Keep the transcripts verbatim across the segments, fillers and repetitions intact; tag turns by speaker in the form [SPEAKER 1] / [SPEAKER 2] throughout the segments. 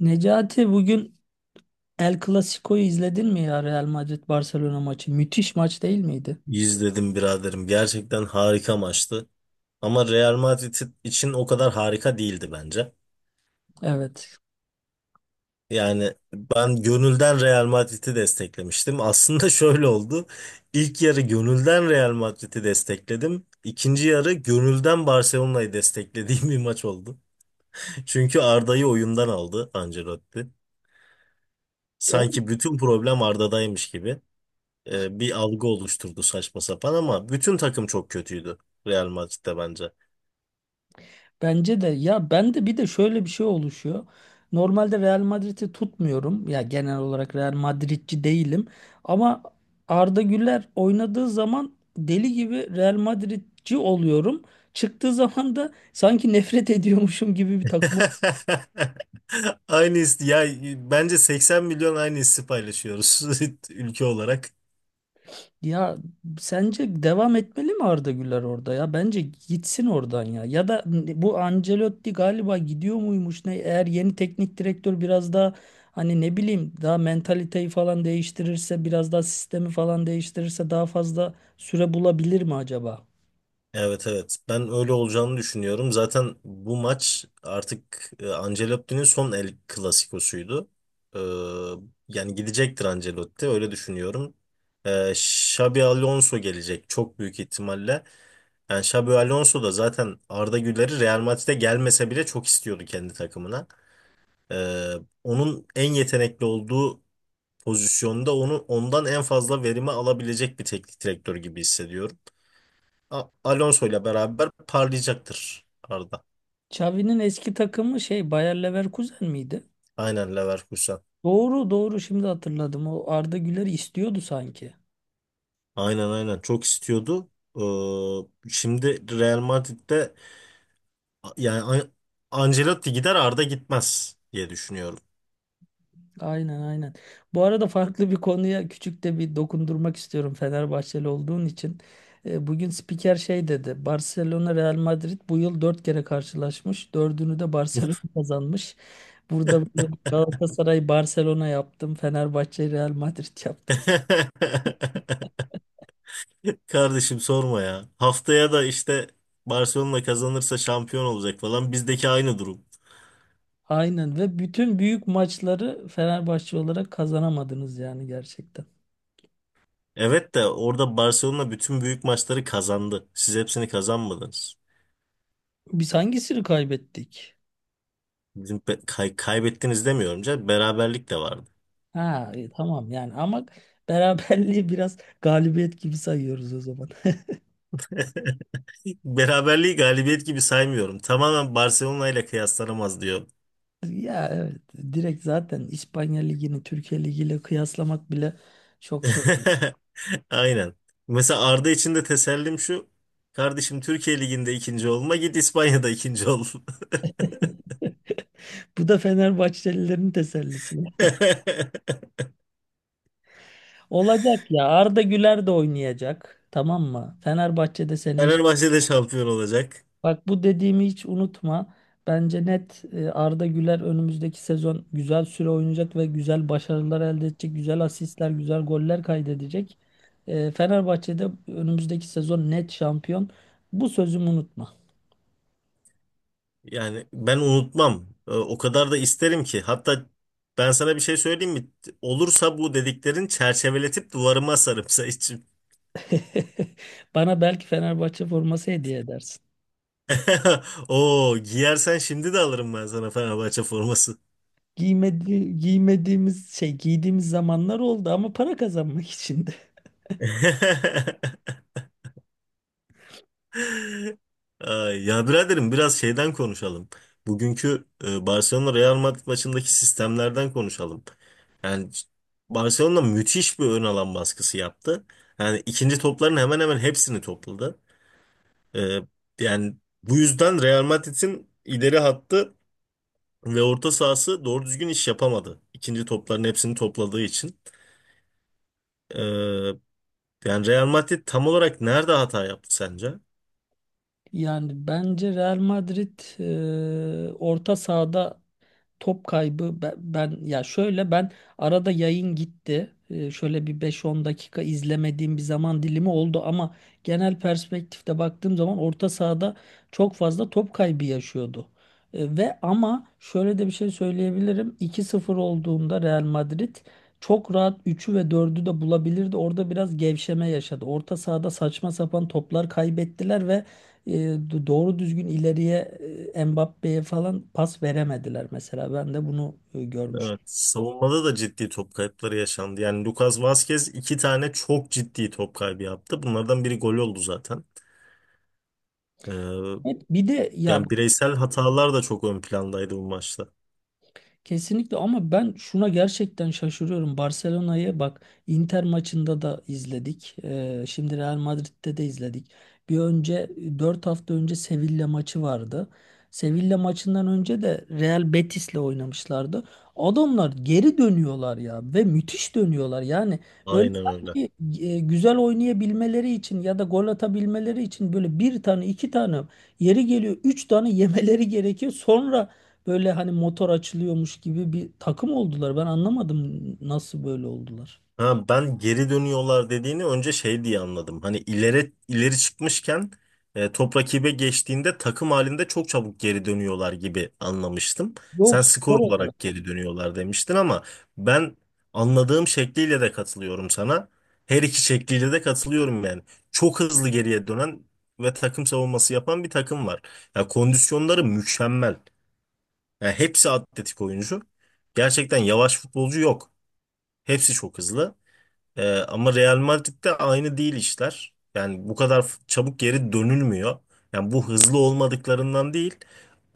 [SPEAKER 1] Necati bugün El Clasico'yu izledin mi ya, Real Madrid Barcelona maçı? Müthiş maç değil miydi?
[SPEAKER 2] İzledim biraderim. Gerçekten harika maçtı. Ama Real Madrid için o kadar harika değildi bence.
[SPEAKER 1] Evet.
[SPEAKER 2] Yani ben gönülden Real Madrid'i desteklemiştim. Aslında şöyle oldu. İlk yarı gönülden Real Madrid'i destekledim. İkinci yarı gönülden Barcelona'yı desteklediğim bir maç oldu. Çünkü Arda'yı oyundan aldı Ancelotti.
[SPEAKER 1] E?
[SPEAKER 2] Sanki bütün problem Arda'daymış gibi. Ee, bir algı oluşturdu saçma sapan, ama bütün takım çok kötüydü Real Madrid'de bence.
[SPEAKER 1] Bence de ya, ben de bir de şöyle bir şey oluşuyor. Normalde Real Madrid'i tutmuyorum. Ya, genel olarak Real Madridci değilim. Ama Arda Güler oynadığı zaman deli gibi Real Madridci oluyorum. Çıktığı zaman da sanki nefret ediyormuşum gibi bir takım.
[SPEAKER 2] Aynı his ya, bence seksen milyon aynı hissi paylaşıyoruz ülke olarak.
[SPEAKER 1] Ya sence devam etmeli mi Arda Güler orada ya? Bence gitsin oradan ya. Ya da bu Ancelotti galiba gidiyor muymuş ne? Eğer yeni teknik direktör biraz daha hani, ne bileyim, daha mentaliteyi falan değiştirirse, biraz daha sistemi falan değiştirirse daha fazla süre bulabilir mi acaba?
[SPEAKER 2] Evet, evet, ben öyle olacağını düşünüyorum. Zaten bu maç artık e, Ancelotti'nin son El Clasico'suydu. Ee, Yani gidecektir Ancelotti, öyle düşünüyorum. Ee, Xabi Alonso gelecek çok büyük ihtimalle. Yani Xabi Alonso da zaten Arda Güler'i, Real Madrid'e gelmese bile, çok istiyordu kendi takımına. Ee, Onun en yetenekli olduğu pozisyonda, onu ondan en fazla verimi alabilecek bir teknik direktör gibi hissediyorum. A- Alonso ile beraber parlayacaktır Arda.
[SPEAKER 1] Xavi'nin eski takımı şey, Bayer Leverkusen miydi?
[SPEAKER 2] Aynen, Leverkusen.
[SPEAKER 1] Doğru doğru, şimdi hatırladım. O Arda Güler'i istiyordu sanki.
[SPEAKER 2] Aynen aynen, çok istiyordu. Ee, şimdi Real Madrid'de, yani An- Ancelotti gider, Arda gitmez diye düşünüyorum.
[SPEAKER 1] Aynen aynen. Bu arada farklı bir konuya küçük de bir dokundurmak istiyorum Fenerbahçeli olduğun için. E, Bugün spiker şey dedi. Barcelona Real Madrid bu yıl dört kere karşılaşmış. Dördünü de Barcelona kazanmış. Burada böyle Galatasaray Barcelona yaptım, Fenerbahçe Real Madrid yaptım.
[SPEAKER 2] Kardeşim sorma ya. Haftaya da işte Barcelona kazanırsa şampiyon olacak falan. Bizdeki aynı durum.
[SPEAKER 1] Aynen, ve bütün büyük maçları Fenerbahçe olarak kazanamadınız yani, gerçekten.
[SPEAKER 2] Evet, de orada Barcelona bütün büyük maçları kazandı. Siz hepsini kazanmadınız.
[SPEAKER 1] Biz hangisini kaybettik?
[SPEAKER 2] Bizim pe- kay- kaybettiniz demiyorum canım. Beraberlik de vardı.
[SPEAKER 1] Ha, e, tamam yani, ama beraberliği biraz galibiyet gibi sayıyoruz o zaman.
[SPEAKER 2] Beraberliği galibiyet gibi saymıyorum. Tamamen Barcelona ile kıyaslanamaz diyor.
[SPEAKER 1] Ya evet, direkt zaten İspanya Ligi'ni Türkiye Ligi'yle kıyaslamak bile çok şey oldu.
[SPEAKER 2] Aynen. Mesela Arda için de tesellim şu. Kardeşim, Türkiye Ligi'nde ikinci olma, git İspanya'da ikinci ol.
[SPEAKER 1] Bu da Fenerbahçelilerin tesellisi. Olacak ya, Arda Güler de oynayacak, tamam mı? Fenerbahçe'de seneye.
[SPEAKER 2] Fenerbahçe de şampiyon olacak.
[SPEAKER 1] Bak, bu dediğimi hiç unutma. Bence net, e, Arda Güler önümüzdeki sezon güzel süre oynayacak ve güzel başarılar elde edecek. Güzel asistler, güzel goller kaydedecek. E, Fenerbahçe'de önümüzdeki sezon net şampiyon. Bu sözümü unutma.
[SPEAKER 2] Yani ben unutmam. Ee, O kadar da isterim ki. Hatta ben sana bir şey söyleyeyim mi? Olursa bu dediklerin çerçeveletip duvarıma asarım sen için.
[SPEAKER 1] Bana belki Fenerbahçe forması hediye edersin.
[SPEAKER 2] Oo, giyersen şimdi de alırım ben sana Fenerbahçe forması.
[SPEAKER 1] Giymedi, giymediğimiz şey, giydiğimiz zamanlar oldu ama para kazanmak için de.
[SPEAKER 2] Ay, ya biraderim, biraz şeyden konuşalım. Bugünkü e, Barcelona Real Madrid maçındaki sistemlerden konuşalım. Yani Barcelona müthiş bir ön alan baskısı yaptı. Yani ikinci topların hemen hemen hepsini topladı. Ee, Yani bu yüzden Real Madrid'in ileri hattı ve orta sahası doğru düzgün iş yapamadı. İkinci topların hepsini topladığı için. Ee, Yani Real Madrid tam olarak nerede hata yaptı sence?
[SPEAKER 1] Yani bence Real Madrid, e, orta sahada top kaybı, ben, ben- ya şöyle, ben arada yayın gitti. Ee, şöyle bir beş on dakika izlemediğim bir zaman dilimi oldu ama genel perspektifte baktığım zaman orta sahada çok fazla top kaybı yaşıyordu. Ee, ve ama şöyle de bir şey söyleyebilirim. iki sıfır olduğunda Real Madrid çok rahat üçü ve dördü de bulabilirdi. Orada biraz gevşeme yaşadı. Orta sahada saçma sapan toplar kaybettiler ve e, do- doğru düzgün ileriye, e, Mbappe'ye falan pas veremediler mesela. Ben de bunu e,
[SPEAKER 2] Evet,
[SPEAKER 1] görmüştüm.
[SPEAKER 2] savunmada da ciddi top kayıpları yaşandı. Yani Lucas Vazquez iki tane çok ciddi top kaybı yaptı. Bunlardan biri gol oldu zaten. Ee,
[SPEAKER 1] Evet, bir de ya.
[SPEAKER 2] Yani bireysel hatalar da çok ön plandaydı bu maçta.
[SPEAKER 1] Kesinlikle, ama ben şuna gerçekten şaşırıyorum. Barcelona'yı bak, Inter maçında da izledik. Ee, şimdi Real Madrid'de de izledik. Bir önce Dört hafta önce Sevilla maçı vardı. Sevilla maçından önce de Real Betis'le oynamışlardı. Adamlar geri dönüyorlar ya, ve müthiş dönüyorlar. Yani böyle,
[SPEAKER 2] Aynen öyle.
[SPEAKER 1] sanki e, güzel oynayabilmeleri için ya da gol atabilmeleri için böyle bir tane, iki tane, yeri geliyor üç tane yemeleri gerekiyor. Sonra böyle hani motor açılıyormuş gibi bir takım oldular. Ben anlamadım nasıl böyle oldular.
[SPEAKER 2] Ha, ben geri dönüyorlar dediğini önce şey diye anladım. Hani ileri ileri çıkmışken e, top rakibe geçtiğinde takım halinde çok çabuk geri dönüyorlar gibi anlamıştım.
[SPEAKER 1] Yok,
[SPEAKER 2] Sen
[SPEAKER 1] spor
[SPEAKER 2] skor
[SPEAKER 1] olarak.
[SPEAKER 2] olarak geri dönüyorlar demiştin, ama ben anladığım şekliyle de katılıyorum sana. Her iki şekliyle de katılıyorum yani. Çok hızlı geriye dönen ve takım savunması yapan bir takım var. Ya, kondisyonları mükemmel. Ya, hepsi atletik oyuncu. Gerçekten yavaş futbolcu yok. Hepsi çok hızlı. Ee, ama Real Madrid'de aynı değil işler. Yani bu kadar f- çabuk geri dönülmüyor. Yani bu hızlı olmadıklarından değil,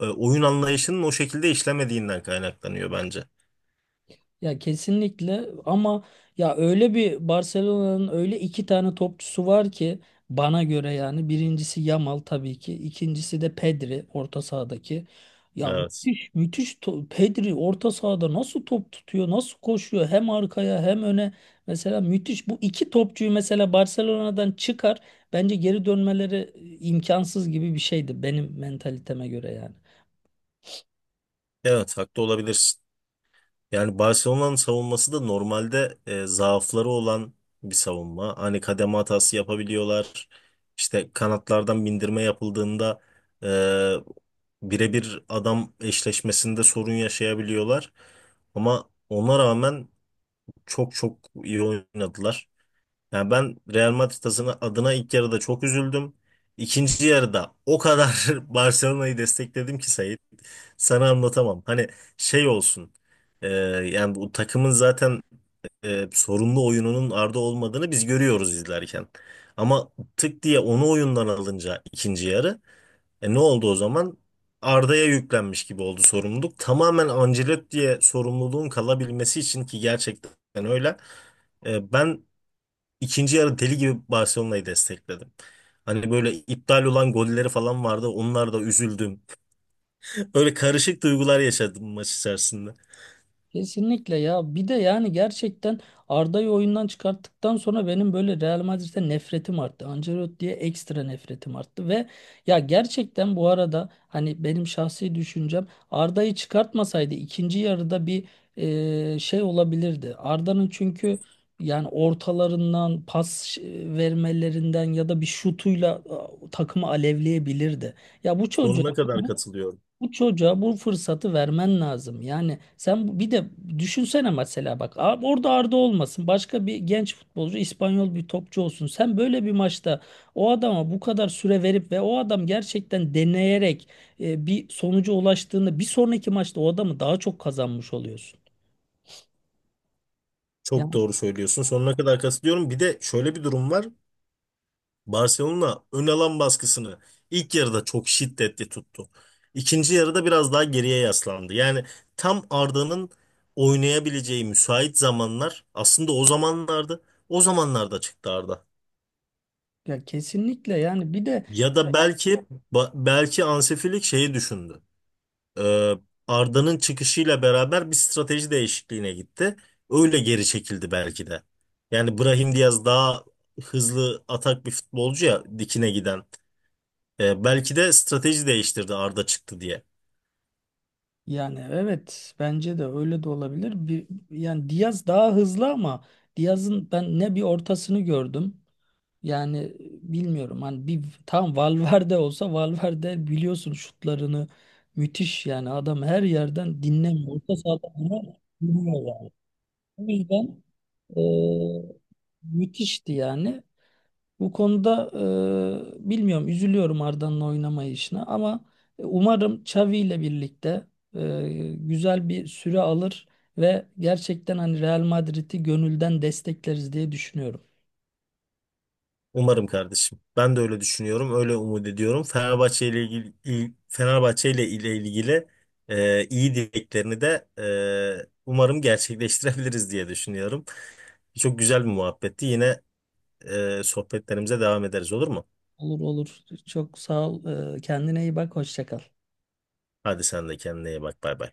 [SPEAKER 2] e, oyun anlayışının o şekilde işlemediğinden kaynaklanıyor bence.
[SPEAKER 1] Ya kesinlikle, ama ya, öyle bir Barcelona'nın öyle iki tane topçusu var ki, bana göre yani, birincisi Yamal tabii ki, ikincisi de Pedri, orta sahadaki. Ya
[SPEAKER 2] Evet.
[SPEAKER 1] müthiş müthiş to- Pedri orta sahada nasıl top tutuyor, nasıl koşuyor, hem arkaya hem öne mesela. Müthiş. Bu iki topçuyu mesela Barcelona'dan çıkar, bence geri dönmeleri imkansız gibi bir şeydi benim mentaliteme göre yani.
[SPEAKER 2] Evet, haklı olabilirsin. Yani Barcelona'nın savunması da normalde e, zaafları olan bir savunma. Hani kademe hatası yapabiliyorlar. İşte kanatlardan bindirme yapıldığında, e, birebir adam eşleşmesinde sorun yaşayabiliyorlar. Ama ona rağmen çok çok iyi oynadılar. Yani ben Real Madrid adına adına ilk yarıda çok üzüldüm. İkinci yarıda o kadar Barcelona'yı destekledim ki Sait. Sana anlatamam. Hani şey olsun. E, yani bu takımın zaten e, sorunlu oyununun Arda olmadığını biz görüyoruz izlerken. Ama tık diye onu oyundan alınca, ikinci yarı e ne oldu o zaman? Arda'ya yüklenmiş gibi oldu sorumluluk. Tamamen Ancelotti'ye sorumluluğun kalabilmesi için, ki gerçekten öyle. E, ben ikinci yarı deli gibi Barcelona'yı destekledim. Hani böyle iptal olan golleri falan vardı. Onlar da üzüldüm. Öyle karışık duygular yaşadım maç içerisinde.
[SPEAKER 1] Kesinlikle ya. Bir de yani gerçekten Arda'yı oyundan çıkarttıktan sonra benim böyle Real Madrid'e nefretim arttı, Ancelotti'ye ekstra nefretim arttı. Ve ya gerçekten, bu arada hani benim şahsi düşüncem, Arda'yı çıkartmasaydı ikinci yarıda bir e, şey olabilirdi. Arda'nın çünkü, yani ortalarından pas e, vermelerinden ya da bir şutuyla e, takımı alevleyebilirdi. Ya bu çocuğa
[SPEAKER 2] Sonuna kadar katılıyorum.
[SPEAKER 1] bu çocuğa bu fırsatı vermen lazım. Yani sen, bu- bir de düşünsene mesela, bak, a- orada Arda olmasın, başka bir genç futbolcu, İspanyol bir topçu olsun. Sen böyle bir maçta o adama bu kadar süre verip ve o adam gerçekten deneyerek e, bir sonuca ulaştığında, bir sonraki maçta o adamı daha çok kazanmış oluyorsun.
[SPEAKER 2] Çok
[SPEAKER 1] Ya,
[SPEAKER 2] doğru söylüyorsun. Sonuna kadar katılıyorum. Bir de şöyle bir durum var. Barcelona ön alan baskısını ilk yarıda çok şiddetli tuttu. İkinci yarıda biraz daha geriye yaslandı. Yani tam Arda'nın oynayabileceği müsait zamanlar aslında o zamanlarda o zamanlarda çıktı Arda.
[SPEAKER 1] ya kesinlikle yani. Bir de
[SPEAKER 2] Ya da belki ba- belki Hansi Flick şeyi düşündü. Ee, Arda'nın çıkışıyla beraber bir strateji değişikliğine gitti. Öyle geri çekildi belki de. Yani Brahim Diaz daha hızlı atak bir futbolcu, ya dikine giden. E, belki de strateji değiştirdi Arda çıktı diye.
[SPEAKER 1] yani, evet, bence de öyle de olabilir. Bir, yani Diaz daha hızlı ama Diaz'ın ben ne bir ortasını gördüm. Yani bilmiyorum, hani bir tam Valverde olsa, Valverde biliyorsun şutlarını müthiş, yani adam her yerden dinlemiyor. Orta sahada bunu biliyor yani. O yüzden eee, müthişti yani. Bu konuda eee, bilmiyorum, üzülüyorum Arda'nın oynamayışına ama e, umarım Xavi ile birlikte eee, güzel bir süre alır ve gerçekten hani Real Madrid'i gönülden destekleriz diye düşünüyorum.
[SPEAKER 2] Umarım kardeşim. Ben de öyle düşünüyorum, öyle umut ediyorum. Fenerbahçe ile ilgili il- Fenerbahçe ile ile ilgili e, iyi dileklerini de e, umarım gerçekleştirebiliriz diye düşünüyorum. Çok güzel bir muhabbetti. Yine e, sohbetlerimize devam ederiz, olur mu?
[SPEAKER 1] Olur olur. Çok sağ ol. Ee, Kendine iyi bak. Hoşça kal.
[SPEAKER 2] Hadi sen de kendine iyi bak. Bay bay.